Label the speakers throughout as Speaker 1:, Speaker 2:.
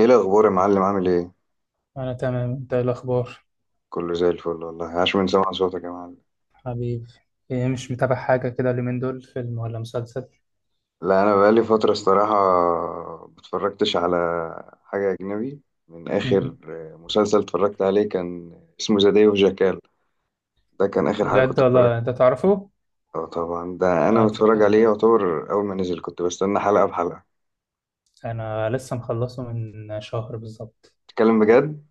Speaker 1: ايه الاخبار يا معلم؟ عامل ايه؟
Speaker 2: أنا تمام. أنت إيه الأخبار؟
Speaker 1: كله زي الفل والله. عاش من سمع صوتك يا معلم.
Speaker 2: حبيبي، إيه؟ مش متابع حاجة كده اليومين دول، فيلم ولا مسلسل؟
Speaker 1: لا انا بقالي فتره الصراحه متفرجتش على حاجه اجنبي. من اخر
Speaker 2: مهم.
Speaker 1: مسلسل اتفرجت عليه كان اسمه ذا داي اوف جاكال. ده كان اخر حاجه
Speaker 2: بجد
Speaker 1: كنت اتفرجت.
Speaker 2: والله أنت تعرفه؟
Speaker 1: اه طبعا ده انا
Speaker 2: آه، ت-
Speaker 1: متفرج عليه،
Speaker 2: آه،
Speaker 1: يعتبر اول ما نزل كنت بستنى حلقه بحلقه.
Speaker 2: أنا لسه مخلصه من شهر بالظبط.
Speaker 1: تتكلم بجد؟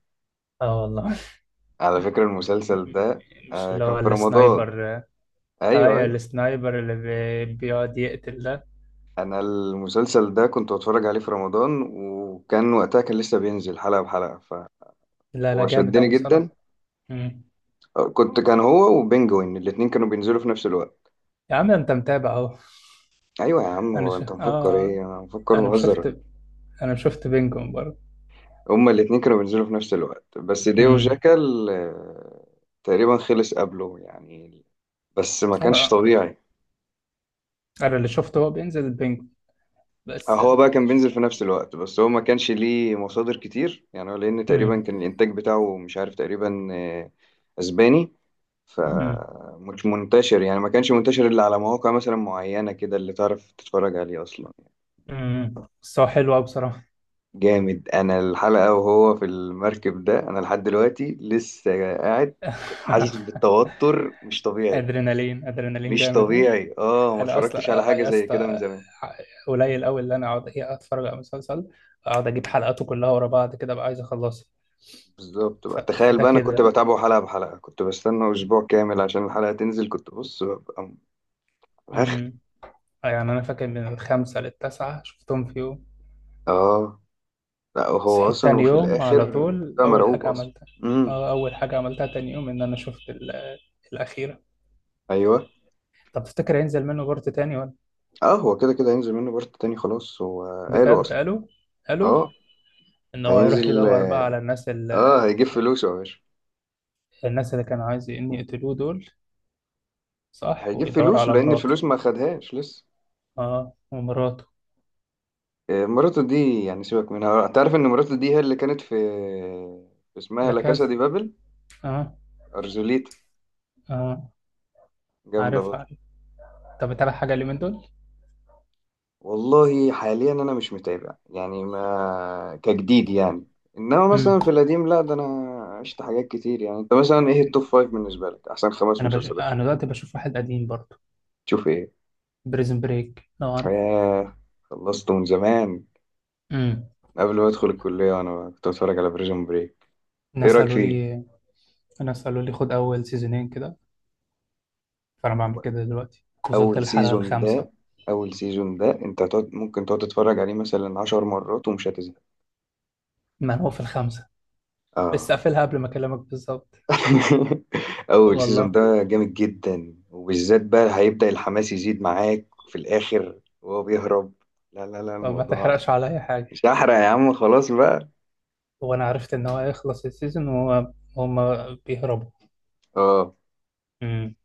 Speaker 2: آه والله.
Speaker 1: على فكره المسلسل ده
Speaker 2: مش
Speaker 1: آه
Speaker 2: اللي هو
Speaker 1: كان في رمضان.
Speaker 2: السنايبر؟ آه
Speaker 1: ايوه
Speaker 2: أيوة،
Speaker 1: ايوه،
Speaker 2: السنايبر اللي بيقعد يقتل ده.
Speaker 1: انا المسلسل ده كنت بتفرج عليه في رمضان وكان وقتها كان لسه بينزل حلقة بحلقة.
Speaker 2: لا لا،
Speaker 1: هو
Speaker 2: جامد
Speaker 1: شدني
Speaker 2: أوي
Speaker 1: جدا.
Speaker 2: بصراحة. مم.
Speaker 1: كنت كان هو وبنجوين الاتنين كانوا بينزلوا في نفس الوقت.
Speaker 2: يا عم أنت متابع أهو.
Speaker 1: ايوه يا عم،
Speaker 2: أنا
Speaker 1: هو
Speaker 2: ش...
Speaker 1: انت مفكر
Speaker 2: آه
Speaker 1: ايه؟ انا مفكر
Speaker 2: أنا
Speaker 1: بهزر؟
Speaker 2: شفت أنا شفت بينجون برضه.
Speaker 1: هما الاتنين كانوا بينزلوا في نفس الوقت بس ديو
Speaker 2: مم.
Speaker 1: جاكال تقريبا خلص قبله يعني. بس ما كانش
Speaker 2: آه،
Speaker 1: طبيعي.
Speaker 2: أنا اللي شفته هو بينزل بينجون بس.
Speaker 1: هو بقى كان بينزل في نفس الوقت بس هو ما كانش ليه مصادر كتير يعني، هو لان تقريبا
Speaker 2: امم،
Speaker 1: كان الانتاج بتاعه مش عارف تقريبا اسباني.
Speaker 2: امم،
Speaker 1: فمش منتشر يعني، ما كانش منتشر الا على مواقع مثلا معينة كده اللي تعرف تتفرج عليه اصلا.
Speaker 2: امم، بس هو حلو قوي بصراحة.
Speaker 1: جامد. انا الحلقه وهو في المركب ده انا لحد دلوقتي لسه قاعد. كنت حاسس بالتوتر مش طبيعي.
Speaker 2: ادرينالين ادرينالين،
Speaker 1: مش
Speaker 2: جامد أوي.
Speaker 1: طبيعي، اه ما
Speaker 2: انا اصلا
Speaker 1: اتفرجتش على حاجه
Speaker 2: يا
Speaker 1: زي كده من
Speaker 2: اسطى
Speaker 1: زمان.
Speaker 2: قليل قوي اللي انا اقعد، إيه، اتفرج على مسلسل، اقعد اجيب
Speaker 1: مم.
Speaker 2: حلقاته كلها ورا بعض كده. بقى عايز اخلصها.
Speaker 1: بالظبط
Speaker 2: ف-
Speaker 1: بقى، تخيل
Speaker 2: فده
Speaker 1: بقى انا كنت
Speaker 2: كده.
Speaker 1: بتابعه حلقه بحلقه، كنت بستنى اسبوع كامل عشان الحلقه تنزل. كنت بص ببقى اخر.
Speaker 2: امم. يعني انا فاكر من الخمسة للتسعة شفتهم في يوم.
Speaker 1: اه لا هو
Speaker 2: صحيت
Speaker 1: اصلا
Speaker 2: تاني
Speaker 1: وفي
Speaker 2: يوم على
Speaker 1: الاخر
Speaker 2: طول
Speaker 1: بقى
Speaker 2: اول
Speaker 1: مرعوب
Speaker 2: حاجة
Speaker 1: اصلا.
Speaker 2: عملتها.
Speaker 1: امم.
Speaker 2: اه، اول حاجة عملتها تاني يوم ان انا شفت الاخيرة.
Speaker 1: ايوه.
Speaker 2: طب تفتكر هينزل منه بارت تاني؟
Speaker 1: اه هو كده كده هينزل منه بارت تاني خلاص هو. قالوا
Speaker 2: بجد
Speaker 1: اصلا
Speaker 2: قالوا
Speaker 1: اه.
Speaker 2: ان هو يروح
Speaker 1: هينزل
Speaker 2: يدور بقى
Speaker 1: اه.
Speaker 2: على الناس اللي،
Speaker 1: هيجيب فلوسه يا باشا.
Speaker 2: الناس اللي كانوا عايز ان يقتلوه دول، صح،
Speaker 1: هيجيب
Speaker 2: ويدور
Speaker 1: فلوس
Speaker 2: على
Speaker 1: لان
Speaker 2: مراته.
Speaker 1: الفلوس ما خدهاش لسه.
Speaker 2: اه، ومراته.
Speaker 1: مراته دي يعني سيبك منها. تعرف ان مراته دي هي اللي كانت في في اسمها
Speaker 2: لا
Speaker 1: لا كاسا
Speaker 2: كذا.
Speaker 1: دي بابل؟
Speaker 2: اه.
Speaker 1: ارجوليتا.
Speaker 2: اه
Speaker 1: جامده
Speaker 2: عارف،
Speaker 1: برضه.
Speaker 2: عارف. طب تعالى، حاجه اللي من دول؟
Speaker 1: والله حاليا انا مش متابع يعني، ما كجديد يعني. انما
Speaker 2: امم.
Speaker 1: مثلا في القديم لا ده انا عشت حاجات كتير. يعني انت مثلا ايه التوب فايف بالنسبه لك؟ احسن خمس مسلسلات شوف.
Speaker 2: انا دلوقتي بشوف واحد قديم برضه،
Speaker 1: شوف ايه؟
Speaker 2: بريزن بريك، لو عارف.
Speaker 1: آه، خلصت من زمان.
Speaker 2: امم.
Speaker 1: قبل ما ادخل الكليه وانا كنت بتفرج على بريزون بريك. ايه
Speaker 2: الناس
Speaker 1: رايك
Speaker 2: قالوا
Speaker 1: فيه؟
Speaker 2: لي الناس قالوا لي خد اول سيزونين كده، فانا بعمل كده دلوقتي. وصلت
Speaker 1: اول
Speaker 2: للحلقه
Speaker 1: سيزون
Speaker 2: الخامسه.
Speaker 1: ده، اول سيزون ده انت تقعد، ممكن تقعد تتفرج عليه مثلا عشر مرات ومش هتزهق.
Speaker 2: ما انا هو في الخامسه. لسه
Speaker 1: اه.
Speaker 2: قافلها قبل ما اكلمك بالظبط.
Speaker 1: اول سيزون
Speaker 2: والله؟
Speaker 1: ده جامد جدا، وبالذات بقى هيبدأ الحماس يزيد معاك في الاخر وهو بيهرب. لا لا لا
Speaker 2: طب ما
Speaker 1: الموضوع
Speaker 2: تحرقش عليا
Speaker 1: مش
Speaker 2: حاجه.
Speaker 1: هحرق يا عم خلاص بقى.
Speaker 2: وانا عرفت ان هو هيخلص السيزون وهو هما بيهربوا.
Speaker 1: اه
Speaker 2: امم.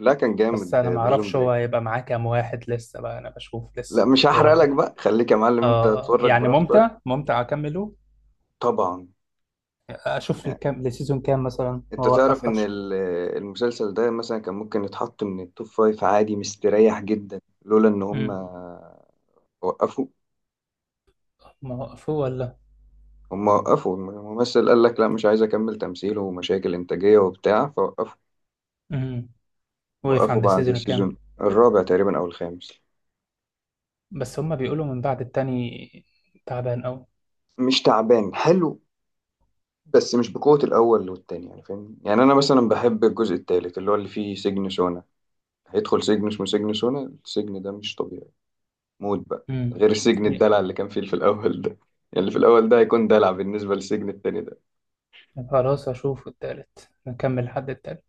Speaker 1: لا كان
Speaker 2: بس
Speaker 1: جامد
Speaker 2: انا ما
Speaker 1: بريزون
Speaker 2: اعرفش هو
Speaker 1: بريك.
Speaker 2: هيبقى معاه كام واحد لسه بقى. انا بشوف
Speaker 1: لا
Speaker 2: لسه.
Speaker 1: مش هحرق
Speaker 2: هو
Speaker 1: لك
Speaker 2: بيت.
Speaker 1: بقى، خليك يا معلم انت
Speaker 2: اه. آه،
Speaker 1: تتفرج
Speaker 2: يعني
Speaker 1: براحتك.
Speaker 2: ممتع، ممتع اكمله.
Speaker 1: طبعا.
Speaker 2: اشوف الكام لسيزون، كام مثلا،
Speaker 1: انت تعرف ان
Speaker 2: واوقفهاش.
Speaker 1: المسلسل ده مثلا كان ممكن يتحط من التوب فايف عادي مستريح جدا لولا ان هم
Speaker 2: امم.
Speaker 1: وقفوا.
Speaker 2: ما وقفوه ولا؟
Speaker 1: هم وقفوا الممثل، قال لك لا مش عايز اكمل تمثيل، ومشاكل انتاجية وبتاع فوقفوا.
Speaker 2: امم. وقف
Speaker 1: وقفوا
Speaker 2: عند
Speaker 1: بعد
Speaker 2: السيزون كام؟
Speaker 1: السيزون الرابع تقريبا او الخامس.
Speaker 2: بس هما بيقولوا من بعد التاني تعبان قوي.
Speaker 1: مش تعبان، حلو. بس مش بقوة الاول والتاني يعني، فاهم يعني؟ انا مثلا بحب الجزء التالت اللي هو اللي فيه سجن سونا. هيدخل سجن اسمه سجن سونا، السجن ده مش طبيعي. موت بقى.
Speaker 2: امم.
Speaker 1: غير سجن الدلع اللي كان فيه في الأول ده، يعني اللي في الأول ده هيكون دلع بالنسبة للسجن التاني ده.
Speaker 2: خلاص اشوف التالت، نكمل لحد التالت.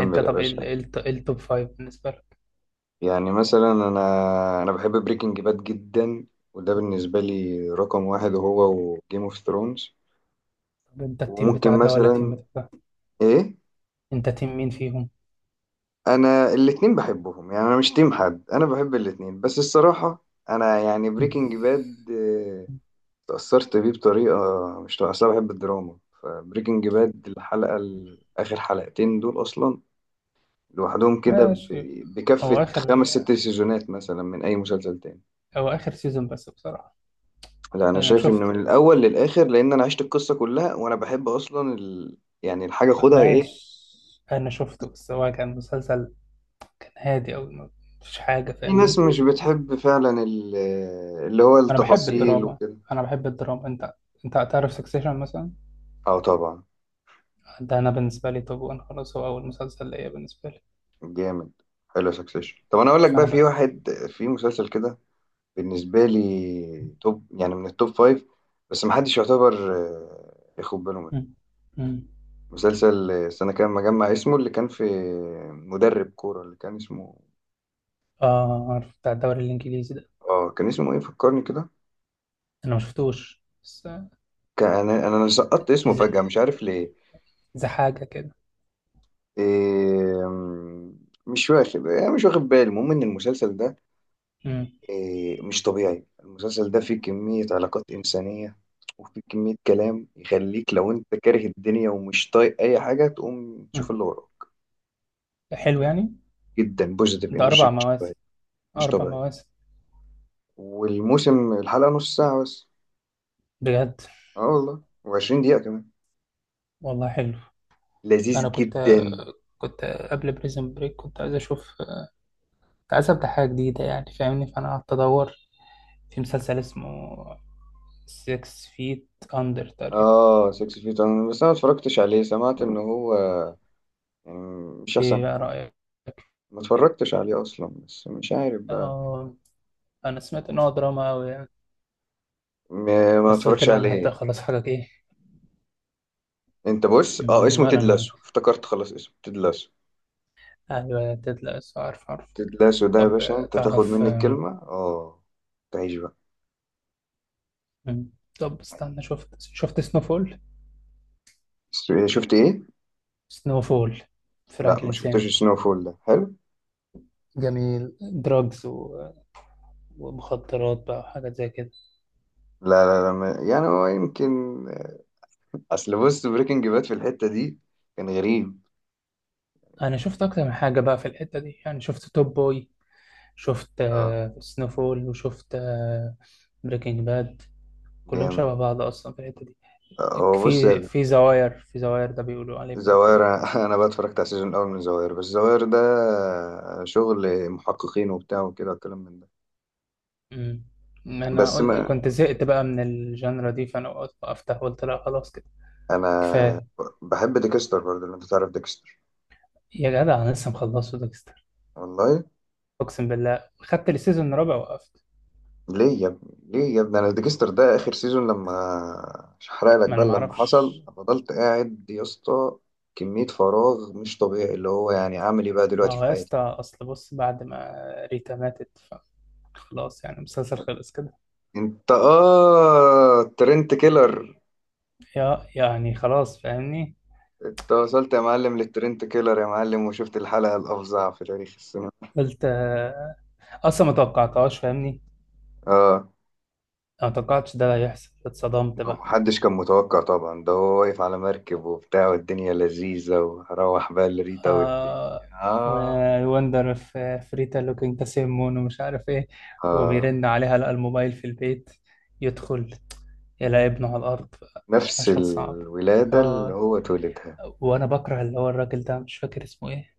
Speaker 2: انت
Speaker 1: يا
Speaker 2: طب ايه ال-
Speaker 1: باشا.
Speaker 2: إيه الت- إيه التوب فايف بالنسبة لك؟
Speaker 1: يعني مثلا أنا بحب بريكنج باد جدا، وده بالنسبة لي رقم واحد، هو وجيم اوف ثرونز.
Speaker 2: طب انت التيم بتاع
Speaker 1: وممكن
Speaker 2: ده ولا التيم
Speaker 1: مثلا
Speaker 2: بتاع ده؟
Speaker 1: إيه.
Speaker 2: انت تيم مين فيهم؟
Speaker 1: أنا الاتنين بحبهم يعني، أنا مش تيم حد، أنا بحب الاتنين بس الصراحة. أنا يعني بريكنج باد تأثرت بيه بطريقة مش طبيعية. أصل أنا بحب الدراما، فبريكنج باد آخر حلقتين دول أصلا لوحدهم كده
Speaker 2: ماشي. هو
Speaker 1: بكفة
Speaker 2: اخر
Speaker 1: خمس ست سيزونات مثلا من أي مسلسل تاني.
Speaker 2: هو اخر سيزون بس بصراحة.
Speaker 1: لا أنا
Speaker 2: انا
Speaker 1: شايف إنه
Speaker 2: شفته.
Speaker 1: من الأول للآخر، لأن أنا عشت القصة كلها، وأنا بحب أصلا ال... يعني الحاجة، خدها إيه،
Speaker 2: ماشي، انا شفته، بس هو كان مسلسل، كان هادي، او ما فيش حاجة،
Speaker 1: في ناس
Speaker 2: فاهمني؟
Speaker 1: مش بتحب فعلا ال... اللي هو
Speaker 2: انا بحب
Speaker 1: التفاصيل
Speaker 2: الدراما.
Speaker 1: وكده.
Speaker 2: انا بحب الدراما. انت، انت تعرف سكسيشن مثلا؟
Speaker 1: أه طبعا.
Speaker 2: ده انا بالنسبة لي توب وان، خلاص، هو اول مسلسل ليا بالنسبة لي.
Speaker 1: جامد. حلو سكسيشن. طب أنا أقول لك بقى،
Speaker 2: فانا
Speaker 1: في
Speaker 2: بقى.
Speaker 1: واحد في مسلسل كده بالنسبة لي توب يعني من التوب فايف، بس محدش يعتبر ياخد باله منه.
Speaker 2: مم. مم.
Speaker 1: مسلسل، استنى كده ما اجمع اسمه، اللي كان في مدرب كورة اللي كان اسمه
Speaker 2: اه عارف، بتاع الدوري الانجليزي ده؟
Speaker 1: اه. كان اسمه ايه فكرني كده؟
Speaker 2: انا ما شفتوش بس.
Speaker 1: كان انا سقطت اسمه
Speaker 2: زي
Speaker 1: فجأة مش عارف ليه.
Speaker 2: زي حاجة كده.
Speaker 1: إيه... م- مش واخد يعني، مش واخد بالي. المهم ان المسلسل ده
Speaker 2: مم.
Speaker 1: مش طبيعي. المسلسل ده فيه كمية علاقات إنسانية، وفيه كمية كلام يخليك لو انت كاره الدنيا ومش طايق اي حاجة تقوم تشوف
Speaker 2: مم.
Speaker 1: اللي وراك.
Speaker 2: حلو يعني.
Speaker 1: جدا بوزيتيف
Speaker 2: ده
Speaker 1: انرجي
Speaker 2: اربع
Speaker 1: مش طبيعي.
Speaker 2: مواسم؟
Speaker 1: مش
Speaker 2: أربع
Speaker 1: طبيعي.
Speaker 2: مواسم.
Speaker 1: والموسم الحلقة نص ساعة بس.
Speaker 2: بجد؟
Speaker 1: اه والله. و20 دقيقة كمان.
Speaker 2: والله حلو. أنا
Speaker 1: لذيذ
Speaker 2: كنت،
Speaker 1: جدا.
Speaker 2: كنت قبل بريزن بريك كنت عايز أشوف، كنت عايز أبدأ حاجة جديدة، يعني فاهمني، فأنا قعدت أدور في مسلسل اسمه 6 feet under تقريبا.
Speaker 1: اه 6 فيت. انا بس انا ما اتفرجتش عليه، سمعت ان هو يعني مش
Speaker 2: إيه
Speaker 1: احسن
Speaker 2: بقى
Speaker 1: حاجة.
Speaker 2: رأيك
Speaker 1: ما
Speaker 2: فيه؟
Speaker 1: اتفرجتش عليه اصلا بس مش عارف بقى.
Speaker 2: آه، أنا سمعت إن هو دراما أوي يعني،
Speaker 1: ما
Speaker 2: بس قلت
Speaker 1: اتفرجش
Speaker 2: لا، أنا هبدأ
Speaker 1: عليه.
Speaker 2: خلاص حاجة، إيه.
Speaker 1: انت بص اه
Speaker 2: م-
Speaker 1: اسمه
Speaker 2: ولا
Speaker 1: تيد
Speaker 2: أنا.
Speaker 1: لاسو، افتكرت خلاص اسمه تيد لاسو.
Speaker 2: أيوة تطلع، عارف، عارف.
Speaker 1: تيد لاسو ده يا
Speaker 2: طب
Speaker 1: باشا
Speaker 2: آه،
Speaker 1: انت تاخد
Speaker 2: تعرف
Speaker 1: مني
Speaker 2: آم،
Speaker 1: الكلمة اه. تعيش بقى.
Speaker 2: مم، طب استنى، شفت، شفت سنوفول؟
Speaker 1: شفت ايه؟
Speaker 2: سنوفول،
Speaker 1: لا ما
Speaker 2: فرانكلين سين.
Speaker 1: شفتوش سنو فول، ده حلو.
Speaker 2: جميل، دراجز ومخدرات بقى وحاجات زي كده.
Speaker 1: لا لا لا ما، يعني هو يمكن اصل بص بريكنج باد في الحتة دي كان غريب.
Speaker 2: انا شفت اكتر من حاجه بقى في الحته دي، يعني شفت توب بوي، شفت
Speaker 1: اه.
Speaker 2: سنوفول، وشفت بريكنج باد. كلهم
Speaker 1: جامد.
Speaker 2: شبه بعض اصلا في الحته دي.
Speaker 1: هو بص
Speaker 2: في زواير ده بيقولوا عليه
Speaker 1: الزواير
Speaker 2: برضو.
Speaker 1: انا بقى اتفرجت على السيزون الاول من الزواير، بس الزواير ده شغل محققين وبتاع وكده والكلام من ده.
Speaker 2: امم. انا
Speaker 1: بس
Speaker 2: قلت
Speaker 1: ما
Speaker 2: كنت زهقت بقى من الجانرا دي، فانا وقفت، قلت لا خلاص كده،
Speaker 1: انا
Speaker 2: كفايه.
Speaker 1: بحب ديكستر برضه، لو انت تعرف ديكستر.
Speaker 2: يا جدع انا لسه مخلصه ديكستر.
Speaker 1: والله.
Speaker 2: اقسم بالله خدت السيزون الرابع، وقفت.
Speaker 1: ليه يا ابني ليه يا ابني، انا ديكستر ده اخر
Speaker 2: آه،
Speaker 1: سيزون لما، مش هحرق لك
Speaker 2: ما
Speaker 1: بقى،
Speaker 2: انا
Speaker 1: لما
Speaker 2: معرفش.
Speaker 1: حصل فضلت قاعد يا اسطى. كمية فراغ مش طبيعي، اللي هو يعني اعمل ايه بقى
Speaker 2: ما
Speaker 1: دلوقتي
Speaker 2: هو
Speaker 1: في
Speaker 2: يا
Speaker 1: حياتي.
Speaker 2: اسطى اصل بص، بعد ما ريتا ماتت فخلاص، يعني المسلسل خلص كده.
Speaker 1: انت اه ترنت كيلر.
Speaker 2: يا يعني، خلاص، فاهمني.
Speaker 1: انت وصلت يا معلم للترنت كيلر يا معلم، وشفت الحلقة الأفظع في تاريخ السينما.
Speaker 2: قلت آه، اصلا ما توقعتهاش، فاهمني.
Speaker 1: اه.
Speaker 2: أنا ما توقعتش ده هيحصل، اتصدمت بقى.
Speaker 1: محدش كان متوقع طبعا. ده هو واقف على مركب وبتاع والدنيا لذيذة، وروح بقى لريتا والدنيا.
Speaker 2: آه،
Speaker 1: اه.
Speaker 2: وندر في فريتا لوكينج ذا سيم مون ومش عارف ايه، وبيرن عليها، لقى الموبايل في البيت، يدخل، يلاقي ابنه على الارض.
Speaker 1: نفس
Speaker 2: مشهد صعب.
Speaker 1: الولادة اللي
Speaker 2: اه.
Speaker 1: هو اتولدها.
Speaker 2: وانا بكره اللي هو الراجل ده، مش فاكر اسمه ايه،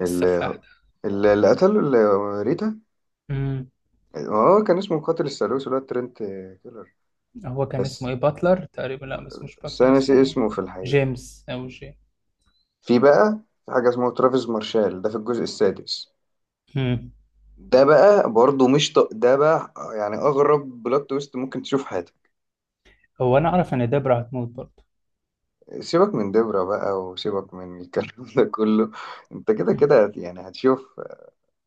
Speaker 1: اللي
Speaker 2: السفاح
Speaker 1: اللي قتله اللي ريتا.
Speaker 2: ده.
Speaker 1: اه كان اسمه قاتل الثالوث، اللي هو الترنت كيلر.
Speaker 2: هو كان اسمه
Speaker 1: بس
Speaker 2: ايه، باتلر تقريبا، لا بس مش
Speaker 1: بس أنا
Speaker 2: باتلر
Speaker 1: ناسي
Speaker 2: اسمه،
Speaker 1: اسمه في الحقيقة.
Speaker 2: جيمس او جي.
Speaker 1: في بقى، في حاجة اسمها ترافيس مارشال ده في الجزء السادس.
Speaker 2: مم.
Speaker 1: ده بقى برضه مش ده بقى يعني اغرب بلوت تويست ممكن تشوف في حياتك.
Speaker 2: هو انا اعرف ان دبرة هتموت برضه.
Speaker 1: سيبك من دبرة بقى وسيبك من الكلام ده كله. انت كده
Speaker 2: مم.
Speaker 1: كده يعني هتشوف.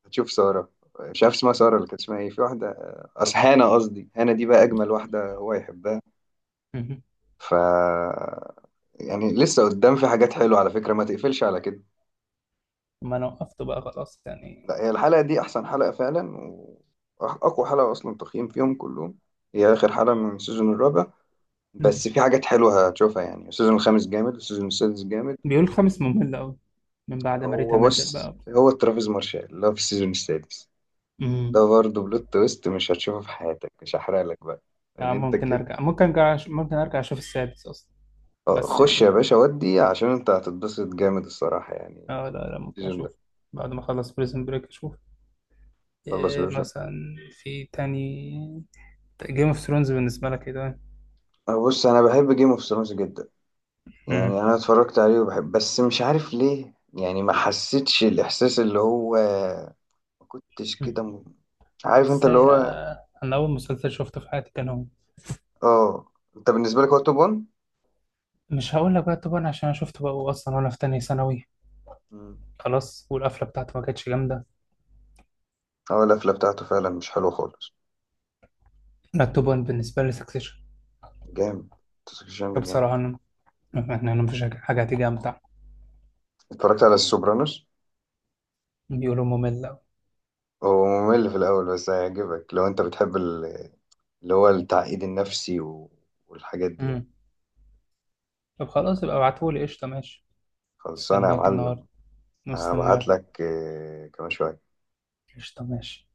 Speaker 1: هتشوف سارة، مش عارف اسمها سارة، اللي كانت اسمها ايه، في واحدة أصل هانا، قصدي هانا دي بقى اجمل واحدة هو يحبها.
Speaker 2: مم.
Speaker 1: ف يعني لسه قدام في حاجات حلوة على فكرة، ما تقفلش على كده.
Speaker 2: ما انا وقفت بقى، خلاص يعني.
Speaker 1: لا هي الحلقة دي احسن حلقة فعلا، واقوى حلقة اصلا تقييم فيهم كلهم. هي اخر حلقة من السيزون الرابع.
Speaker 2: مم.
Speaker 1: بس في حاجات حلوة هتشوفها يعني، السيزون الخامس جامد والسيزون السادس جامد.
Speaker 2: بيقول خمس ممل قوي، من بعد ما ريتا
Speaker 1: هو
Speaker 2: ماتت
Speaker 1: بص
Speaker 2: بقى.
Speaker 1: هو ترافيس مارشال اللي هو في السيزون السادس
Speaker 2: مم.
Speaker 1: ده برضه بلوت تويست مش هتشوفه في حياتك، مش هحرق لك بقى. ان
Speaker 2: يعني
Speaker 1: انت
Speaker 2: ممكن
Speaker 1: كده،
Speaker 2: ارجع ممكن ارجع ممكن ارجع اشوف السادس اصلا. بس
Speaker 1: خش
Speaker 2: يعني
Speaker 1: يا
Speaker 2: فاهم.
Speaker 1: باشا ودي عشان انت هتتبسط جامد الصراحة يعني.
Speaker 2: اه لا لا، ممكن
Speaker 1: السيزون ده
Speaker 2: اشوف. بعد ما اخلص بريزن بريك اشوف
Speaker 1: خلص
Speaker 2: إيه
Speaker 1: بيرسون.
Speaker 2: مثلا. في تاني، جيم اوف ثرونز بالنسبة لك ايه ده؟
Speaker 1: بص انا بحب جيم اوف ثرونز جدا، يعني انا اتفرجت عليه وبحب، بس مش عارف ليه يعني، ما حسيتش الاحساس اللي هو، ما كنتش
Speaker 2: مم.
Speaker 1: كده عارف انت اللي
Speaker 2: ازاي؟
Speaker 1: هو.
Speaker 2: آه، انا اول مسلسل شفته في حياتي كان هو.
Speaker 1: اه. انت بالنسبة لك هو توب 1.
Speaker 2: مش هقول لك بقى توبان عشان انا شفته بقى اصلا وانا في تانية ثانوي،
Speaker 1: مم.
Speaker 2: خلاص. والقفله بتاعته ما كانتش جامده.
Speaker 1: اه القفلة بتاعته فعلا مش حلوة خالص.
Speaker 2: لا، توبان بالنسبه لي سكسيشن.
Speaker 1: جامد. تسكشن ده جامد.
Speaker 2: بصراحه انا، أنا مفيش حاجه، حاجة هتيجي امتع.
Speaker 1: اتفرجت على السوبرانوس.
Speaker 2: بيقولوا ممل أوي.
Speaker 1: هو ممل في الأول بس هيعجبك لو أنت بتحب اللي هو التعقيد النفسي والحاجات دي يعني.
Speaker 2: امم. طب خلاص، يبقى ابعتهولي. قشطه، ماشي.
Speaker 1: خلصانة يا
Speaker 2: استناك
Speaker 1: معلم.
Speaker 2: النهارده.
Speaker 1: هبعت
Speaker 2: مستناك.
Speaker 1: لك كمان شوية.
Speaker 2: قشطه، ماشي.